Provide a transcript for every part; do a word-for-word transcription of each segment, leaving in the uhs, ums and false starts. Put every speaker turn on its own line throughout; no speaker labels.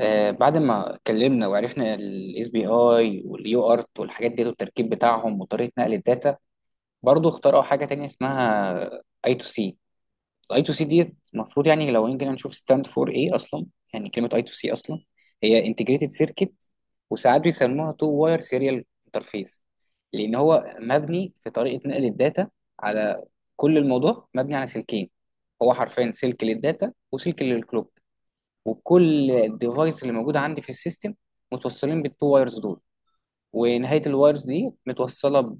آه، بعد ما اتكلمنا وعرفنا الاس بي اي واليو ارت والحاجات دي والتركيب بتاعهم وطريقه نقل الداتا برضه اخترعوا حاجه تانية اسمها اي تو سي. الاي تو سي دي المفروض يعني لو يمكن نشوف ستاند فور ايه اصلا. يعني كلمه اي تو سي اصلا هي انتجريتد سيركت، وساعات بيسموها تو واير سيريال انترفيس، لان هو مبني في طريقه نقل الداتا على، كل الموضوع مبني على سلكين. هو حرفيا سلك للداتا وسلك للكلوك، وكل الديفايس اللي موجوده عندي في السيستم متوصلين بالتو وايرز دول، ونهايه الوايرز دي متوصله ب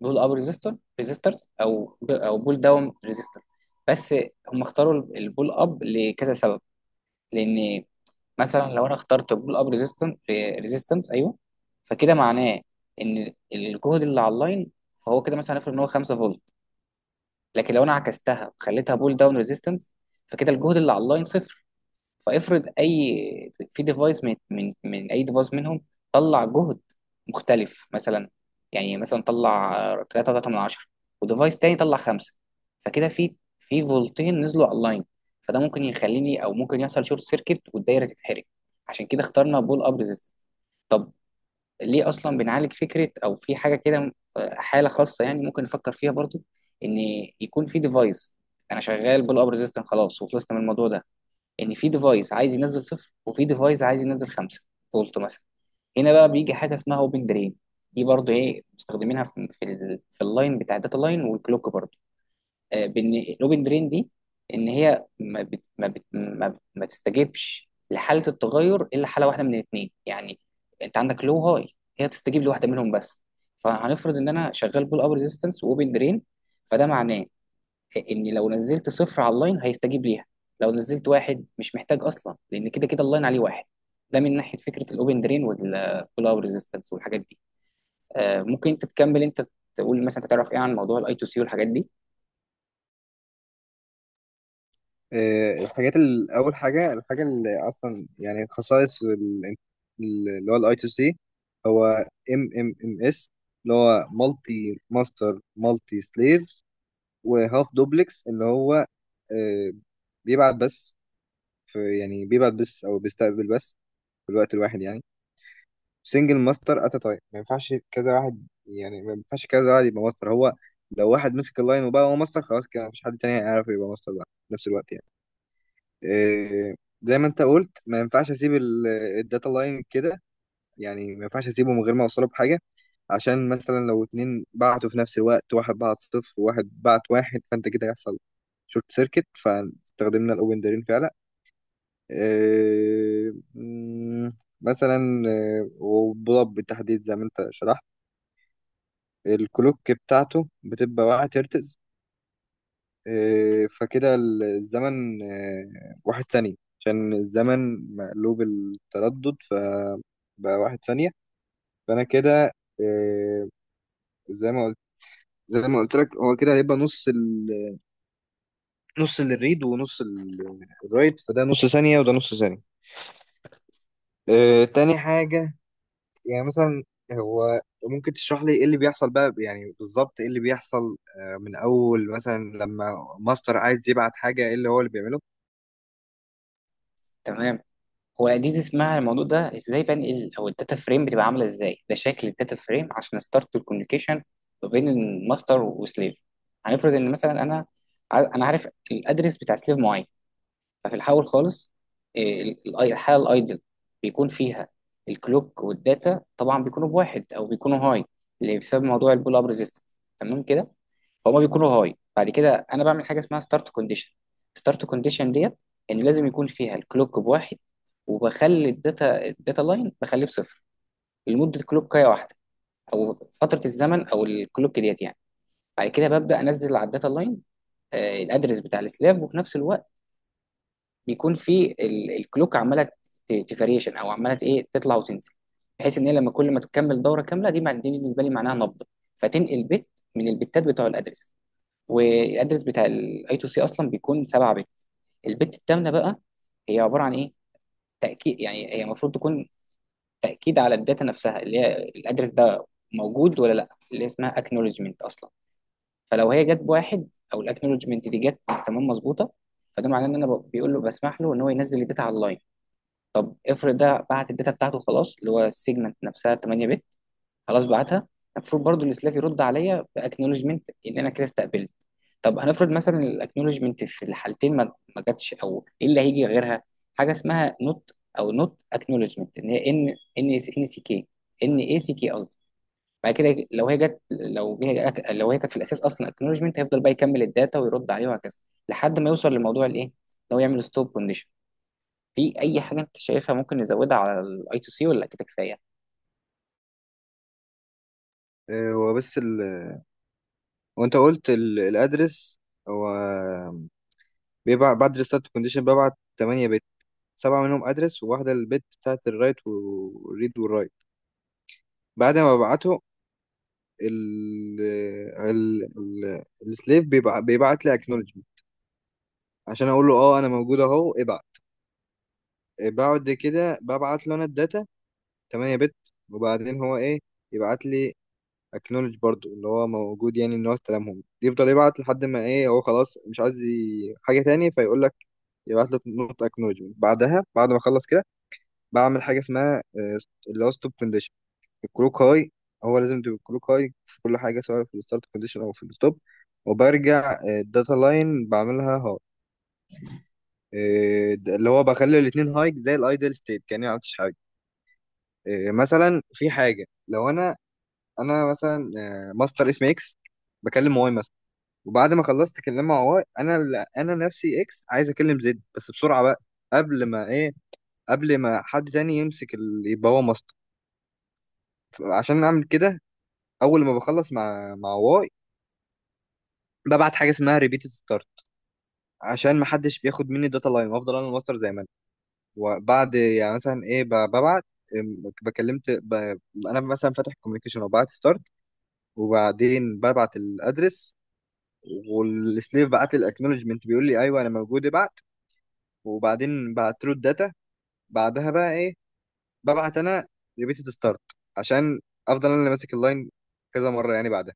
بول اب ريزيستور ريزيسترز او ب- او بول داون ريزيستور بس. هم اختاروا البول اب لكذا سبب، لان مثلا لو انا اخترت بول اب ريزيستنس، ريزيستنس ايوه، فكده معناه ان الجهد اللي على اللاين، فهو كده مثلا هنفرض ان هو خمسة فولت، لكن لو انا عكستها وخليتها بول داون ريزيستنس فكده الجهد اللي على اللاين صفر. فافرض اي في ديفايس من من من اي ديفايس منهم طلع جهد مختلف، مثلا يعني مثلا طلع 3 ثلاثة من عشرة، وديفايس تاني طلع خمسة، فكده في في فولتين نزلوا اونلاين، فده ممكن يخليني او ممكن يحصل شورت سيركت والدايره تتحرق. عشان كده اخترنا بول اب ريزيستنس. طب ليه اصلا بنعالج فكره او في حاجه كده، آه، حاله خاصه يعني ممكن نفكر فيها برضو، ان يكون في ديفايس، انا شغال بول اب ريزيستنس خلاص وخلصت من الموضوع ده، ان في ديفايس عايز ينزل صفر وفي ديفايس عايز ينزل خمسة فولت مثلا. هنا بقى بيجي حاجه اسمها اوبن درين. دي برضه ايه مستخدمينها في في, ال- في اللاين بتاع الداتا لاين والكلوك برضه. آه، بان الاوبن درين دي، ان هي ما بت ما بت ما, بت ما تستجيبش لحاله التغير الا حاله واحده من الاثنين يعني. انت عندك لو هاي، هي بتستجيب لواحده منهم بس. فهنفرض ان انا شغال بول اب ريزيستنس واوبن درين، فده معناه ان لو نزلت صفر على اللاين هيستجيب ليها، لو نزلت واحد مش محتاج اصلا لان كده كده اللاين عليه واحد. ده من ناحيه فكره الاوبن درين والبول اوت ريزيستنس والحاجات دي. آه، ممكن انت تكمل، انت تقول مثلا انت تعرف ايه عن موضوع الاي تو سي والحاجات دي.
آه، الحاجات ال- اول حاجه الحاجه اللي اصلا يعني خصائص ال- اللي هو الاي تو سي هو ام ام ام اس اللي هو مالتي ماستر مالتي سليف وهاف دوبلكس اللي هو آه، بيبعت بس، في يعني بيبعت بس او بيستقبل بس في الوقت الواحد يعني. سنجل ماستر ات تايم، ما ينفعش كذا واحد، يعني ما ينفعش كذا واحد يبقى ماستر. هو لو واحد مسك اللاين وبقى هو ماستر خلاص كده مفيش حد تاني هيعرف يبقى ماستر بقى في نفس الوقت يعني. إيه، زي ما انت قلت ما ينفعش اسيب ال- الداتا لاين كده، يعني ما ينفعش اسيبه من غير ما اوصله بحاجه، عشان مثلا لو اتنين بعتوا في نفس الوقت واحد بعت صفر وواحد بعت واحد فانت كده هيحصل شورت سيركت، فاستخدمنا الاوبن دارين فعلا. إيه، مم، مثلا إيه، وبضب بالتحديد زي ما انت شرحت الكلوك بتاعته بتبقى واحد هرتز. إيه، فكده الزمن إيه، واحد ثانية، عشان الزمن مقلوب التردد فبقى واحد ثانية. فأنا كده إيه، زي ما قلت، زي ما قلت لك هو كده هيبقى نص ال... نص للريد ونص ال- الرايت، فده نص ثانية وده نص ثانية. إيه، تاني حاجة يعني مثلا، هو ممكن تشرح لي ايه اللي بيحصل بقى، يعني بالظبط ايه اللي بيحصل آه، من اول مثلا لما ماستر عايز يبعت حاجة ايه اللي هو اللي بيعمله؟
تمام. هو دي اسمها، الموضوع ده ازاي بنقل او الداتا فريم بتبقى عامله ازاي، ده شكل الداتا فريم عشان ستارت الكوميونيكيشن ما بين الماستر وسليف. هنفرض ان مثلا انا ع- انا عارف الادرس بتاع سليف معين. ففي الاول خالص، إيه، ال- ال- الحاله الايدل بيكون فيها الكلوك والداتا طبعا بيكونوا بواحد او بيكونوا هاي، اللي بسبب موضوع البول اب ريزيستنس. تمام كده. فهم بيكونوا هاي، بعد كده انا بعمل حاجه اسمها ستارت كونديشن. ستارت كونديشن ديت ان لازم يكون فيها الكلوك بواحد، وبخلي الداتا الداتا لاين بخليه بصفر لمده كلوكايه واحده، او فتره الزمن او الكلوك ديت يعني. بعد كده ببدا انزل على الداتا لاين الادرس بتاع السلاف، وفي نفس الوقت بيكون في ال- الكلوك عماله تفاريشن او عماله ايه، تطلع وتنزل، بحيث ان هي لما كل ما تكمل دوره كامله دي مع- دي بالنسبه لي معناها نبض، فتنقل بت من البتات بتوع الادرس. والادرس بتاع الاي تو سي اصلا بيكون سبعة بت. البت الثامنه بقى هي عباره عن ايه، تاكيد، يعني هي المفروض تكون تاكيد على الداتا نفسها اللي هي الادرس ده موجود ولا لا، اللي اسمها اكنولجمنت اصلا. فلو هي جت بواحد، او الاكنولجمنت دي جت تمام مظبوطه، فده معناه ان انا ب- بيقول له، بسمح له ان هو ينزل الداتا على اللاين. افرض ده بعت الداتا بتاعته خلاص، اللي هو السيجمنت نفسها ثمانية بت. خلاص بعتها، المفروض برضو السلاف يرد عليا باكنولجمنت ان انا كده استقبلت. طب هنفرض مثلا الاكنولجمنت في الحالتين ما ما جاتش، او ايه اللي هيجي غيرها، حاجه اسمها نوت، او نوت اكنولجمنت، ان هي ان ان ان سي كي، ان اي سي كي قصدي. بعد كده لو هي جت، لو هي لو هي كانت في الاساس اصلا اكنولجمنت، هيفضل بقى يكمل الداتا ويرد عليه وهكذا، لحد ما يوصل لموضوع الايه ان هو يعمل ستوب كونديشن. في اي حاجه انت شايفها ممكن نزودها على الاي تو سي ولا كده كفايه؟
آه، هو بس وانت قلت ال- الادرس، هو بيبعت بعد الستارت كونديشن ببعت ثمانية بت، سبعة منهم ادرس وواحدة البت بتاعت الرايت والريد والرايت. بعد ما ببعته ال ال ال السليف بيبع- بيبعت لي اكنولجمنت عشان اقول له اه انا موجود اهو ابعت. بعد كده ببعت له انا الداتا ثمانية بت، وبعدين هو ايه يبعت لي اكنولج برضو اللي هو موجود، يعني ان هو استلمهم. يفضل يبعت لحد ما ايه هو خلاص مش عايز ي- حاجه تاني فيقول لك يبعت لك نوت اكنولجمنت. بعدها بعد ما اخلص كده بعمل حاجه اسمها آه، اللي هو ستوب كونديشن. الكلوك هاي، هو لازم تبقى الكلوك هاي في كل حاجه سواء في الستارت كونديشن او في الستوب، وبرجع الداتا لاين بعملها هاي. آه، د- اللي هو بخلي الاثنين هاي زي الايدل ستيت، كاني ما عملتش حاجه. آه، مثلا في حاجه لو انا انا مثلا آه، ماستر اس ام اكس بكلم واي مثلا، وبعد ما خلصت اكلمها واي انا ال- انا نفسي اكس عايز اكلم زد، بس بسرعه بقى قبل ما ايه، قبل ما حد تاني يمسك ال... يبقى هو ماسك. عشان اعمل كده اول ما بخلص مع مع واي ببعت حاجه اسمها ريبيت ستارت، عشان ما حدش بياخد مني الداتا لاين وافضل انا الماستر زي ما انا. وبعد يعني مثلا ايه ب- ببعت أم، بكلمت ب... انا مثلا فاتح كوميونيكيشن وبعت ستارت، وبعدين ببعت الادرس، والسليف بعت لي الاكنولجمنت بيقول لي ايوه انا موجود ابعت، وبعدين بعت له الداتا. بعدها بقى ايه، ببعت انا ريبيتد ستارت، عشان افضل انا اللي ماسك اللاين كذا مره يعني بعدها.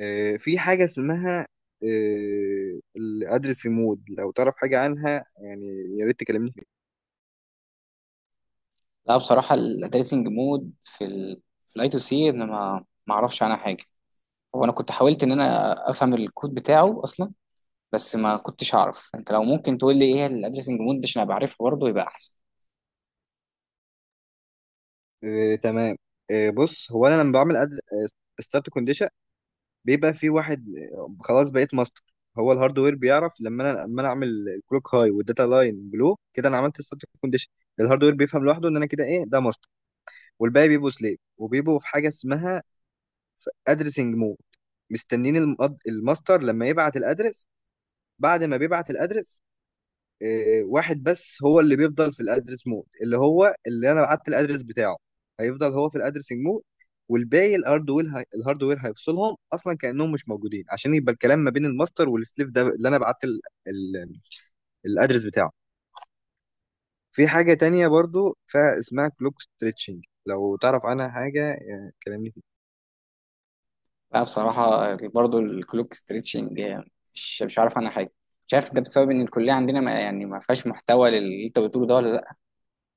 إيه في حاجه اسمها إيه الادرس مود، لو تعرف حاجه عنها يعني يا ريت تكلمني فيها.
لا بصراحه التريسنج مود في ال في الاي تو سي انا ما ما اعرفش عنها حاجه. هو انا كنت حاولت ان انا افهم الكود بتاعه اصلا، بس ما كنتش اعرف. انت لو ممكن تقول لي ايه الادريسنج مود ده عشان ابقى عارفها برضه يبقى احسن.
إيه تمام، إيه بص، هو انا لما بعمل ستارت كونديشن بيبقى في واحد، آه، خلاص بقيت ماستر. هو الهاردوير بيعرف لما انا لما انا اعمل الكلوك هاي والداتا لاين بلو، كده انا عملت ستارت كونديشن، الهاردوير بيفهم لوحده ان انا كده ايه ده ماستر. والباقي بيبقوا سليف وبيبقوا في حاجه اسمها في ادرسنج مود، مستنين المقد- الماستر لما يبعت الادرس. بعد ما بيبعت الادرس آه، واحد بس هو اللي بيفضل في الادرس مود، اللي هو اللي انا بعت الادرس بتاعه، هيفضل هو في الادرسنج مود. والباقي الهاردوير هي... الهاردوير هيفصلهم اصلا كانهم مش موجودين، عشان يبقى الكلام ما بين الماستر والسليف ده اللي انا بعت ال... ال... الادرس بتاعه. في حاجه تانية برضو فاسمها كلوك ستريتشنج، لو تعرف عنها حاجه يعني كلمني فيها.
لا بصراحه برضه الكلوك ستريتشنج مش مش عارف عنها حاجه. مش عارف ده بسبب ان الكليه عندنا ما يعني ما فيهاش محتوى للي انت بتقوله ده ولا لا،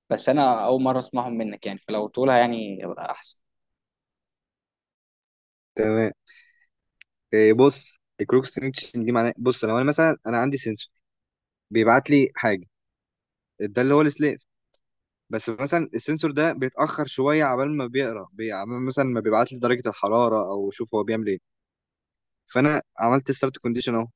بس انا اول مره اسمعهم منك يعني، فلو تقولها يعني يبقى احسن.
تمام إيه، بص البروكستينيشن دي معناه بص، لو انا مثلا انا عندي سنسور بيبعت لي حاجه، ده اللي هو السليف. بس مثلا السنسور ده بيتاخر شويه عبال ما بيقرا بي- عبال مثلا ما بيبعت لي درجه الحراره، او شوف هو بيعمل ايه. فانا عملت ستارت كونديشن اهو،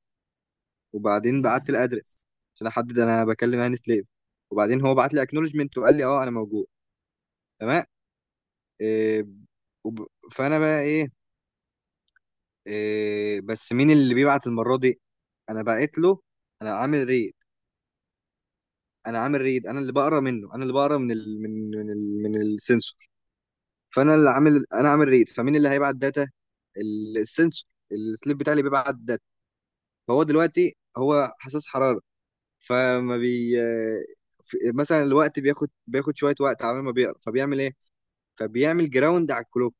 وبعدين بعت الادرس عشان احدد انا بكلم هاني سليف، وبعدين هو بعت لي اكنولجمنت وقال لي اه انا موجود. تمام إيه وب... فانا بقى ايه، إيه بس مين اللي بيبعت المره دي؟ انا بعت له، انا عامل ريت، انا عامل ريد، انا اللي بقرا منه، انا اللي بقرا من ال من من ال من السنسور. فانا اللي عامل، انا عامل ريد، فمين اللي هيبعت داتا؟ ال- السنسور السليب بتاعي اللي بيبعت داتا. فهو دلوقتي هو حساس حراره فما بي ف- مثلا الوقت بياخد بياخد شويه وقت على ما بيقرا فبيعمل ايه؟ فبيعمل جراوند على الكلوك.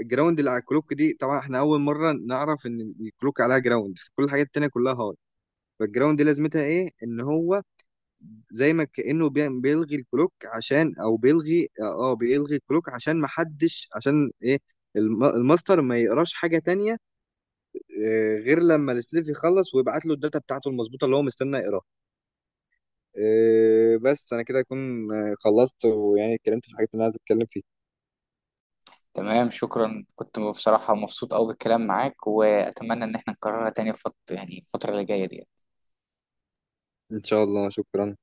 الجراوند اللي على الكلوك دي طبعا احنا اول مره نعرف ان الكلوك عليها جراوند، كل الحاجات التانيه كلها هارد. فالجراوند دي لازمتها ايه؟ ان هو زي ما كأنه بي- بيلغي الكلوك عشان، او بيلغي اه آه، بيلغي الكلوك عشان ما حدش، عشان ايه الم- الماستر ما يقراش حاجة تانية آه، غير لما السليف يخلص ويبعت له الداتا بتاعته المظبوطة اللي هو مستني يقراها. آه، بس انا كده اكون آه، خلصت، ويعني اتكلمت في الحاجات اللي انا عايز اتكلم فيها.
تمام، شكرا. كنت بصراحة مبسوط أوي بالكلام معاك، وأتمنى إن احنا نكررها تاني في فت... يعني الفترة اللي جاية دي.
ان شاء الله شكرا.